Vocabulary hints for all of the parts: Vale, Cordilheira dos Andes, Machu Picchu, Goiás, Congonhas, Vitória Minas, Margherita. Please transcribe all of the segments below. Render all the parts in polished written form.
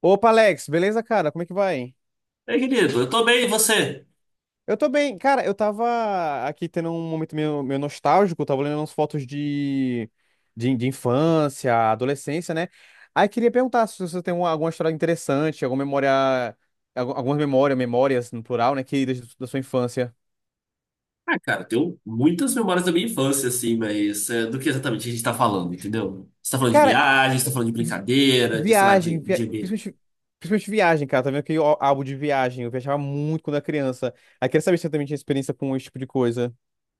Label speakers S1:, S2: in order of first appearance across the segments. S1: Opa, Alex, beleza, cara? Como é que vai?
S2: É, querido, eu tô bem, e você?
S1: Eu tô bem. Cara, eu tava aqui tendo um momento meio nostálgico, tava olhando umas fotos de infância, adolescência, né? Aí queria perguntar se você tem alguma história interessante, alguma memória, memórias no plural, né, queridas da sua infância.
S2: Ah, cara, eu tenho muitas memórias da minha infância, assim, mas é, do que exatamente a gente tá falando, entendeu? Você tá falando de
S1: Cara,
S2: viagem, você tá falando de
S1: vi-
S2: brincadeira, de, sei lá,
S1: viagem, principalmente viagem, cara. Tá vendo que o álbum de viagem, eu viajava muito quando era criança. Aí queria saber se você também tinha experiência com esse tipo de coisa.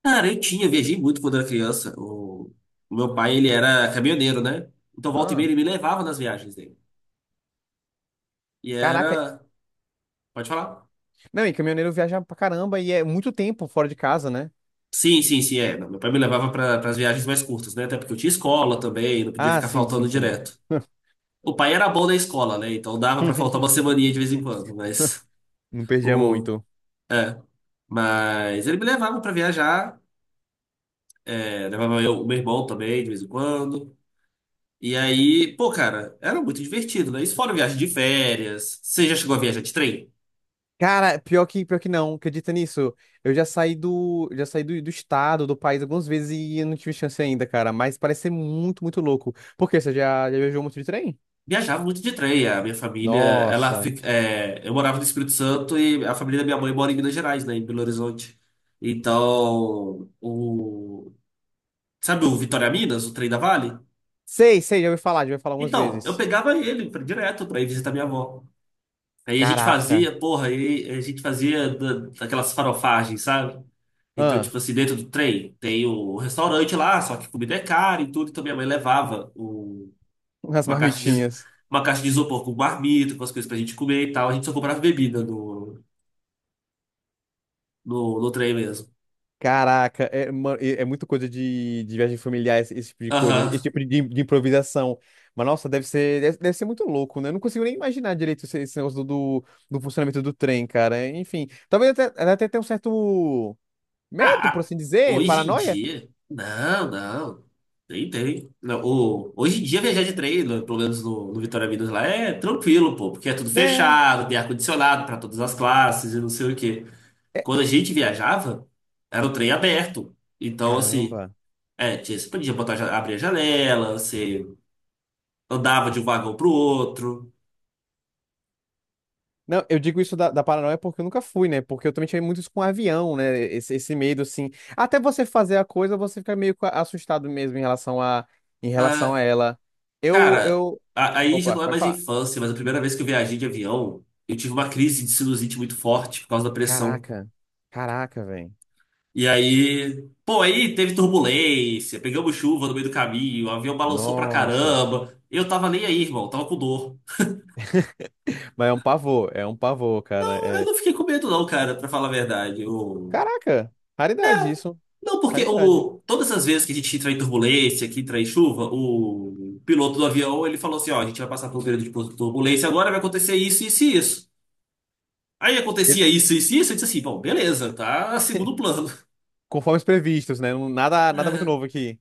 S2: Cara, eu tinha, viajei muito quando era criança. O meu pai, ele era caminhoneiro, né? Então, volta e meia,
S1: Ah.
S2: ele me levava nas viagens dele. E
S1: Caraca,
S2: era... Pode falar?
S1: não, e caminhoneiro viaja pra caramba e é muito tempo fora de casa, né?
S2: Sim, sim, sim, é. Não, meu pai me levava para as viagens mais curtas, né? Até porque eu tinha escola também, não podia
S1: Ah,
S2: ficar
S1: sim, sim,
S2: faltando
S1: sim.
S2: direto. O pai era bom na escola, né? Então dava para faltar uma semaninha de vez em quando, mas...
S1: Não perdia
S2: O,
S1: muito.
S2: é, mas ele me levava pra viajar, é, levava eu, o meu irmão também, de vez em quando. E aí, pô, cara, era muito divertido, né? Isso fora viagem de férias. Você já chegou a viajar de trem?
S1: Cara, pior que não, acredita nisso? Eu já saí do estado, do país algumas vezes e eu não tive chance ainda, cara. Mas parece ser muito, muito louco. Por quê? Você já viajou muito de trem?
S2: Viajava muito de trem. A minha família, ela
S1: Nossa.
S2: fica, é, eu morava no Espírito Santo e a família da minha mãe mora em Minas Gerais, né? Em Belo Horizonte. Então, o, sabe o Vitória Minas, o trem da Vale?
S1: Sei, sei, já ouvi falar algumas
S2: Então, eu
S1: vezes.
S2: pegava ele pra- direto pra ir visitar minha avó. Aí a gente
S1: Caraca.
S2: fazia, porra, aí a gente fazia da- daquelas farofagens, sabe? Então,
S1: Ah,
S2: tipo assim, dentro do trem tem o restaurante lá, só que comida é cara e tudo. Então minha mãe levava o-
S1: as
S2: uma caixa de,
S1: marmitinhas.
S2: uma caixa de isopor com marmita, com as coisas pra gente comer e tal. A gente só comprava bebida no trem mesmo.
S1: Caraca, é, é muito coisa de viagem familiar, esse tipo de coisa, esse
S2: Aham.
S1: tipo de improvisação. Mas, nossa, deve ser muito louco, né? Eu não consigo nem imaginar direito esse negócio do funcionamento do trem, cara. Enfim, talvez até tenha um certo medo,
S2: Ah,
S1: por
S2: ah,
S1: assim dizer,
S2: hoje em
S1: paranoia,
S2: dia. Não, não. Tem, tem. Não, o, hoje em dia, viajar de trem, pelo menos no Vitória Minas lá, é tranquilo, pô, porque é tudo
S1: né?
S2: fechado, tem ar-condicionado para todas as classes e não sei o quê.
S1: É,
S2: Quando a gente viajava, era o trem aberto. Então, assim,
S1: caramba.
S2: é, tinha- você podia botar, abrir a janela, você andava de um vagão pro outro.
S1: Não, eu digo isso da paranoia porque eu nunca fui, né? Porque eu também tive muito isso com avião, né? Esse medo, assim. Até você fazer a coisa, você fica meio que assustado mesmo em relação a, em relação
S2: Ah,
S1: a ela. Eu,
S2: cara,
S1: eu,
S2: aí já
S1: Opa,
S2: não é
S1: pode
S2: mais
S1: falar.
S2: infância, mas a primeira vez que eu viajei de avião, eu tive uma crise de sinusite muito forte por causa da pressão.
S1: Caraca, caraca, velho.
S2: E aí, pô, aí teve turbulência, pegamos chuva no meio do caminho, o avião balançou pra
S1: Nossa.
S2: caramba. Eu tava nem aí, irmão, tava com dor.
S1: Mas é um pavor, cara.
S2: Eu
S1: É.
S2: não fiquei com medo, não, cara, pra falar a verdade. Eu...
S1: Caraca, raridade isso,
S2: Não, porque
S1: raridade.
S2: o... todas as vezes que a gente entra em turbulência, que entra em chuva, o piloto do avião ele falou assim: ó, a gente vai passar por um período de turbulência, agora vai acontecer isso, isso e isso. Aí
S1: E-
S2: acontecia isso, isso e isso, eu disse assim: bom, beleza, tá segundo plano.
S1: Conforme os previstos, né? Nada, nada muito
S2: É,
S1: novo aqui.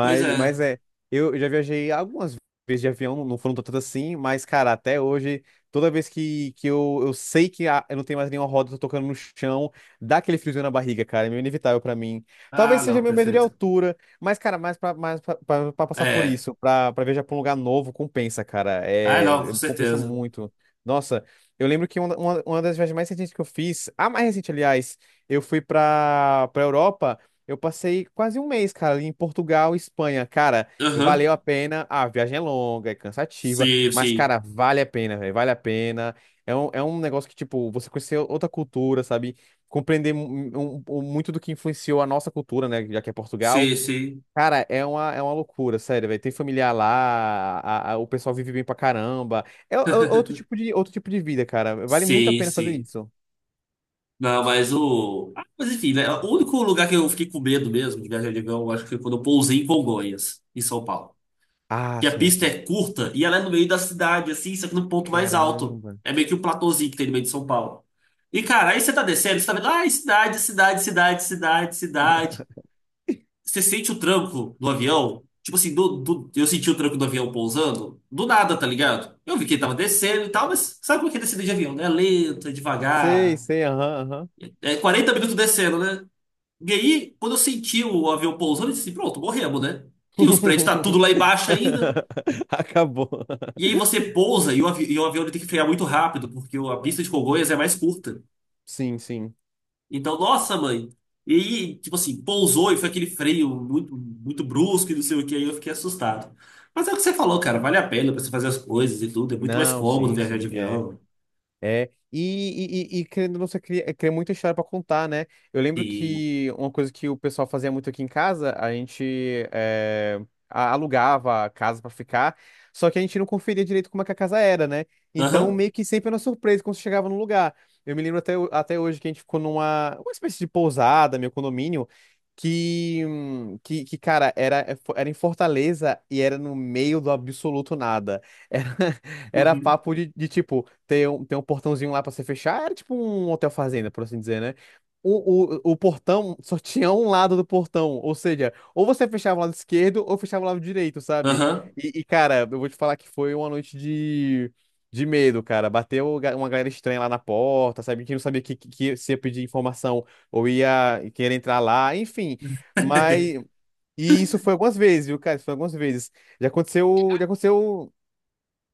S2: pois é.
S1: mas é, eu já viajei algumas vezes de avião, não foram tantas assim, mas, cara, até hoje, toda vez que eu sei que eu não tenho mais nenhuma roda, tô tocando no chão, dá aquele friozinho na barriga, cara, é meio inevitável pra mim.
S2: Ah,
S1: Talvez seja
S2: não,
S1: meu medo de
S2: perfeito.
S1: altura, mas, cara, pra passar por
S2: É.
S1: isso, pra viajar pra um lugar novo, compensa, cara,
S2: Ah, não, com
S1: compensa
S2: certeza.
S1: muito. Nossa, eu lembro que uma das viagens mais recentes que eu fiz, a mais recente, aliás, eu fui pra Europa. Eu passei quase um mês, cara, ali em Portugal, Espanha. Cara,
S2: Aham.
S1: valeu a pena. A viagem é longa, é cansativa,
S2: Sim,
S1: mas,
S2: sim.
S1: cara, vale a pena, velho. Vale a pena. É um negócio que, tipo, você conhecer outra cultura, sabe? Compreender muito do que influenciou a nossa cultura, né? Já que é Portugal.
S2: Sim, sim.
S1: Cara, é uma loucura, sério, velho. Tem familiar lá, o pessoal vive bem pra caramba. É, é outro tipo de vida, cara. Vale muito a
S2: Sim,
S1: pena fazer
S2: sim.
S1: isso.
S2: Não, mas o. Ah, mas enfim, né? O único lugar que eu fiquei com medo mesmo de viajar de avião, eu acho que foi quando eu pousei em Congonhas, em São Paulo.
S1: Ah,
S2: Que a pista
S1: certo.
S2: é curta e ela é no meio da cidade, assim, só que no ponto mais alto.
S1: Caramba.
S2: É meio que um platôzinho que tem no meio de São Paulo. E, cara, aí você tá descendo, você tá vendo, ai, cidade, cidade, cidade, cidade, cidade. Você sente o tranco do avião? Tipo assim, eu senti o tranco do avião pousando. Do nada, tá ligado? Eu vi que ele tava descendo e tal, mas sabe como é que é descida de avião, né? Lento, é
S1: Sei,
S2: devagar.
S1: sei, aham, aham.
S2: É 40 minutos descendo, né? E aí, quando eu senti o avião pousando, eu disse assim, pronto, morremos, né? Que os prédios tá tudo lá embaixo ainda.
S1: Acabou.
S2: E aí você pousa e o, avi- e o avião ele tem que frear muito rápido, porque o- a pista de Congonhas é mais curta.
S1: Sim, sim.
S2: Então, nossa, mãe. E, tipo assim, pousou e foi aquele freio muito, muito brusco e não sei o que, aí eu fiquei assustado. Mas é o que você falou, cara, vale a pena pra você fazer as coisas e tudo, é muito mais
S1: Não,
S2: cômodo
S1: sim,
S2: viajar de
S1: sim. É.
S2: avião.
S1: É, e querendo ou não, você cria muita história pra contar, né? Eu lembro
S2: Sim.
S1: que uma coisa que o pessoal fazia muito aqui em casa, a gente alugava a casa pra ficar, só que a gente não conferia direito como é que a casa era, né? Então,
S2: Aham.
S1: meio que sempre era uma surpresa quando você chegava no lugar. Eu me lembro até hoje que a gente ficou numa uma espécie de pousada, meu condomínio, que cara, era em Fortaleza e era no meio do absoluto nada. Era, era
S2: Uhum.
S1: papo de tipo tem um portãozinho lá pra você fechar. Era tipo um hotel fazenda, por assim dizer, né? O portão só tinha um lado do portão, ou seja, ou você fechava o lado esquerdo ou fechava o lado direito, sabe?
S2: Aham.
S1: Cara, eu vou te falar que foi uma noite de medo, cara. Bateu uma galera estranha lá na porta, sabe? Que não sabia que se ia pedir informação ou ia querer entrar lá, enfim. Mas. E isso foi algumas vezes, viu, cara? Isso foi algumas vezes. Já aconteceu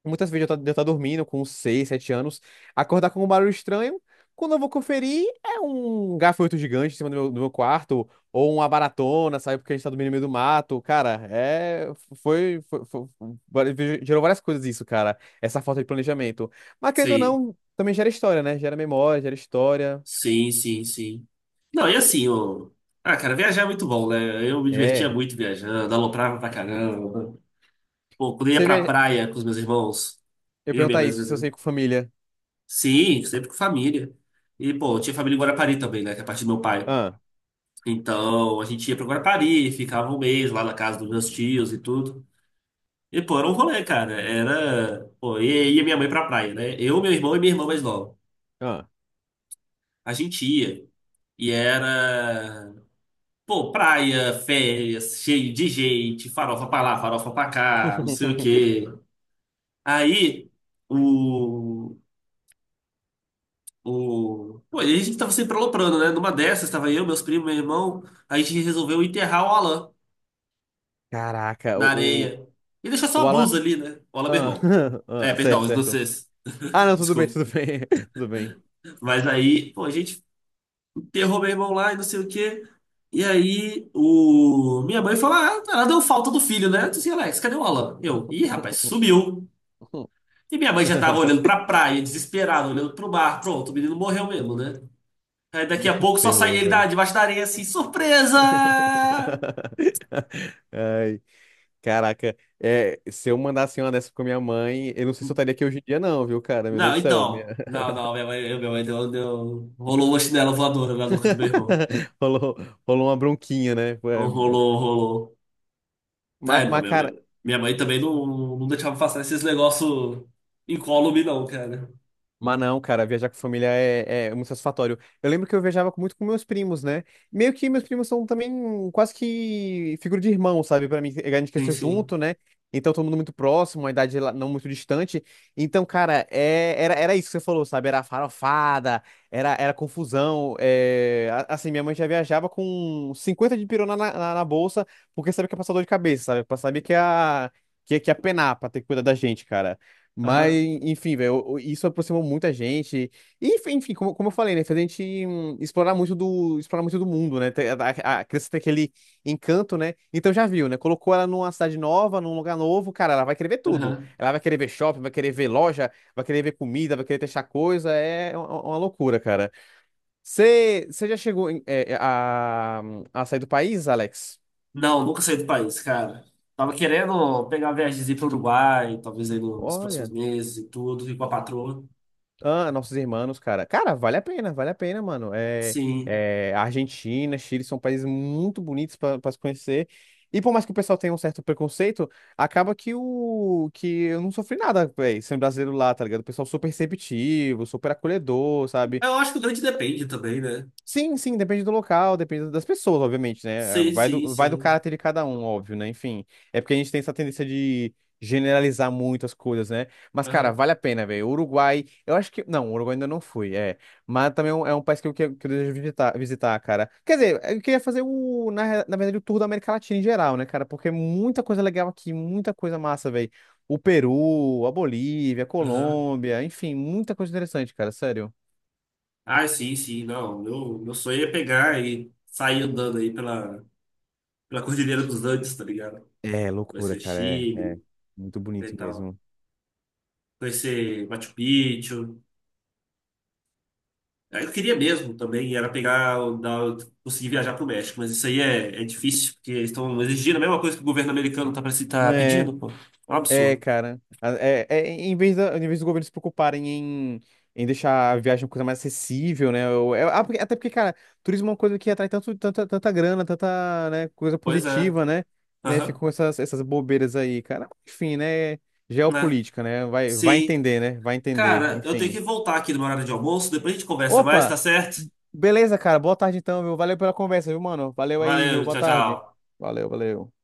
S1: muitas vezes eu estou dormindo com 6 7 anos, acordar com um barulho estranho. Quando eu vou conferir, é um gafanhoto gigante em cima do meu quarto, ou uma baratona, sabe? Porque a gente tá dormindo no meio do mato. Cara, é. Gerou várias coisas isso, cara. Essa falta de planejamento. Mas querendo ou
S2: Sim.
S1: não, também gera história, né? Gera memória, gera história.
S2: Sim, sim, sim. Não, e assim, o... Ah, cara, viajar é muito bom, né? Eu me divertia
S1: É.
S2: muito viajando, aloprava pra caramba. Pô, quando eu ia
S1: Você
S2: pra
S1: vê.
S2: praia com os meus irmãos,
S1: Eu ia
S2: eu, minha
S1: perguntar
S2: mãe,
S1: isso, se eu sair com família.
S2: sim, sempre com família. E, pô, eu tinha família em Guarapari também, né? Que é parte do meu pai.
S1: Ah,
S2: Então, a gente ia pra Guarapari, ficava um mês lá na casa dos meus tios e tudo. E, pô, era um rolê, cara. Era. Pô, e ia minha mãe pra praia, né? Eu, meu irmão e minha irmã mais nova.
S1: ah.
S2: A gente ia. E era. Pô, praia, férias, cheio de gente, farofa pra lá, farofa pra cá, não sei o quê. Aí, o. O... Pô, e a gente tava sempre aloprando, né? Numa dessas, tava eu, meus primos, meu irmão. A gente resolveu enterrar o Alan
S1: Caraca,
S2: na
S1: o, o,
S2: areia. E deixar só
S1: o
S2: a
S1: Alan.
S2: blusa ali, né? O Alan, meu
S1: Ah,
S2: irmão. É,
S1: ah,
S2: perdão,
S1: certo,
S2: os
S1: certo.
S2: vocês.
S1: Ah, não, tudo bem,
S2: Desculpa.
S1: tudo bem. Tudo bem.
S2: Mas aí, pô, a gente enterrou meu irmão lá e não sei o quê. E aí, o... minha mãe falou: Ah, ela deu falta do filho, né? Eu disse, Alex, cadê o Alan? Eu, ih, rapaz, sumiu. E minha mãe já tava olhando pra praia, desesperada, olhando pro mar. Pronto, o menino morreu mesmo, né? Aí daqui a pouco só sai
S1: Terror,
S2: ele
S1: velho.
S2: da, debaixo da areia assim, surpresa!
S1: Ai, caraca. É, se eu mandasse uma dessa com minha mãe, eu não sei se eu estaria aqui hoje em dia, não, viu, cara? Meu
S2: Não,
S1: Deus do céu.
S2: então. Não, não, minha mãe deu, rolou uma chinela voadora na nuca do meu irmão.
S1: Rolou, rolou uma bronquinha, né?
S2: Não
S1: Foi-
S2: rolou, rolou.
S1: Mas,
S2: É, não,
S1: mas,
S2: minha,
S1: cara,
S2: minha, minha mãe também não, não deixava passar esses negócios incólume, não, cara.
S1: Mas não, cara, viajar com família é muito satisfatório. Eu lembro que eu viajava muito com meus primos, né? Meio que meus primos são também quase que figura de irmão, sabe? Pra mim, a gente
S2: Sim,
S1: cresceu
S2: sim.
S1: junto, né? Então, todo mundo muito próximo, uma idade não muito distante. Então, cara, era isso que você falou, sabe? Era farofada, era confusão. Assim, minha mãe já viajava com 50 de pirona na, na bolsa, porque sabia que ia passar dor de cabeça, sabe? Sabia que ia penar pra ter que cuidar da gente, cara. Mas,
S2: Aham,
S1: enfim, velho, isso aproximou muita gente. E, enfim, como eu falei, né? Fez a gente explorar muito do mundo, né? A criança tem aquele encanto, né? Então já viu, né? Colocou ela numa cidade nova, num lugar novo, cara, ela vai querer ver tudo.
S2: aham.
S1: Ela vai querer ver shopping, vai querer ver loja, vai querer ver comida, vai querer testar coisa. É uma loucura, cara. Você já chegou a sair do país, Alex?
S2: Não, nunca saí do país, cara. Tava querendo pegar uma viagemzinha pro Uruguai, talvez aí no- nos próximos
S1: Olha.
S2: meses e tudo, ir com a patroa.
S1: Ah, nossos irmãos, cara. Cara, vale a pena, mano.
S2: Sim.
S1: Argentina, Chile são países muito bonitos para se conhecer. E por mais que o pessoal tenha um certo preconceito, acaba que o que eu não sofri nada, velho, sendo brasileiro lá, tá ligado? O pessoal super receptivo, super acolhedor, sabe?
S2: Eu acho que o grande depende também, né?
S1: Sim, sim, depende do local, depende das pessoas, obviamente, né?
S2: Sim,
S1: Vai do,
S2: sim,
S1: vai do
S2: sim.
S1: caráter de cada um, óbvio, né? Enfim, é porque a gente tem essa tendência de generalizar muito as coisas, né? Mas, cara,
S2: Aham,
S1: vale a pena, velho. Uruguai, eu acho que. Não, Uruguai ainda não fui, é. Mas também é um país que eu desejo visitar, visitar, cara. Quer dizer, eu queria fazer na verdade, o tour da América Latina em geral, né, cara? Porque é muita coisa legal aqui, muita coisa massa, velho. O Peru, a Bolívia, a
S2: aham.
S1: Colômbia, enfim, muita coisa interessante, cara, sério.
S2: Ah, sim, sim, não. Meu sonho é pegar e sair andando aí pela Cordilheira dos Andes, tá ligado?
S1: É,
S2: Conhecer
S1: loucura,
S2: o
S1: cara. É, é.
S2: Chile
S1: Muito
S2: né, e
S1: bonito
S2: tal.
S1: mesmo.
S2: Conhecer Machu Picchu. Aí eu queria mesmo também, era pegar, o- dar, conseguir viajar pro México, mas isso aí é, difícil, porque eles estão exigindo a mesma coisa que o governo americano tá, tá pedindo,
S1: É,
S2: pô. É um
S1: é,
S2: absurdo.
S1: cara. Em vez dos governos se preocuparem em deixar a viagem uma coisa mais acessível, né? Até porque, cara, turismo é uma coisa que atrai tanta grana, tanta, né, coisa
S2: Pois é.
S1: positiva, né? Né, ficam
S2: Aham,
S1: com essas, bobeiras aí, cara. Enfim, né?
S2: né?
S1: Geopolítica, né? Vai
S2: Sim.
S1: entender, né? Vai entender,
S2: Cara, eu tenho
S1: enfim.
S2: que voltar aqui no meu horário de almoço, depois a gente conversa mais, tá
S1: Opa!
S2: certo?
S1: Beleza, cara. Boa tarde então, viu? Valeu pela conversa, viu, mano? Valeu aí, viu?
S2: Valeu,
S1: Boa
S2: tchau,
S1: tarde.
S2: tchau.
S1: Valeu, valeu.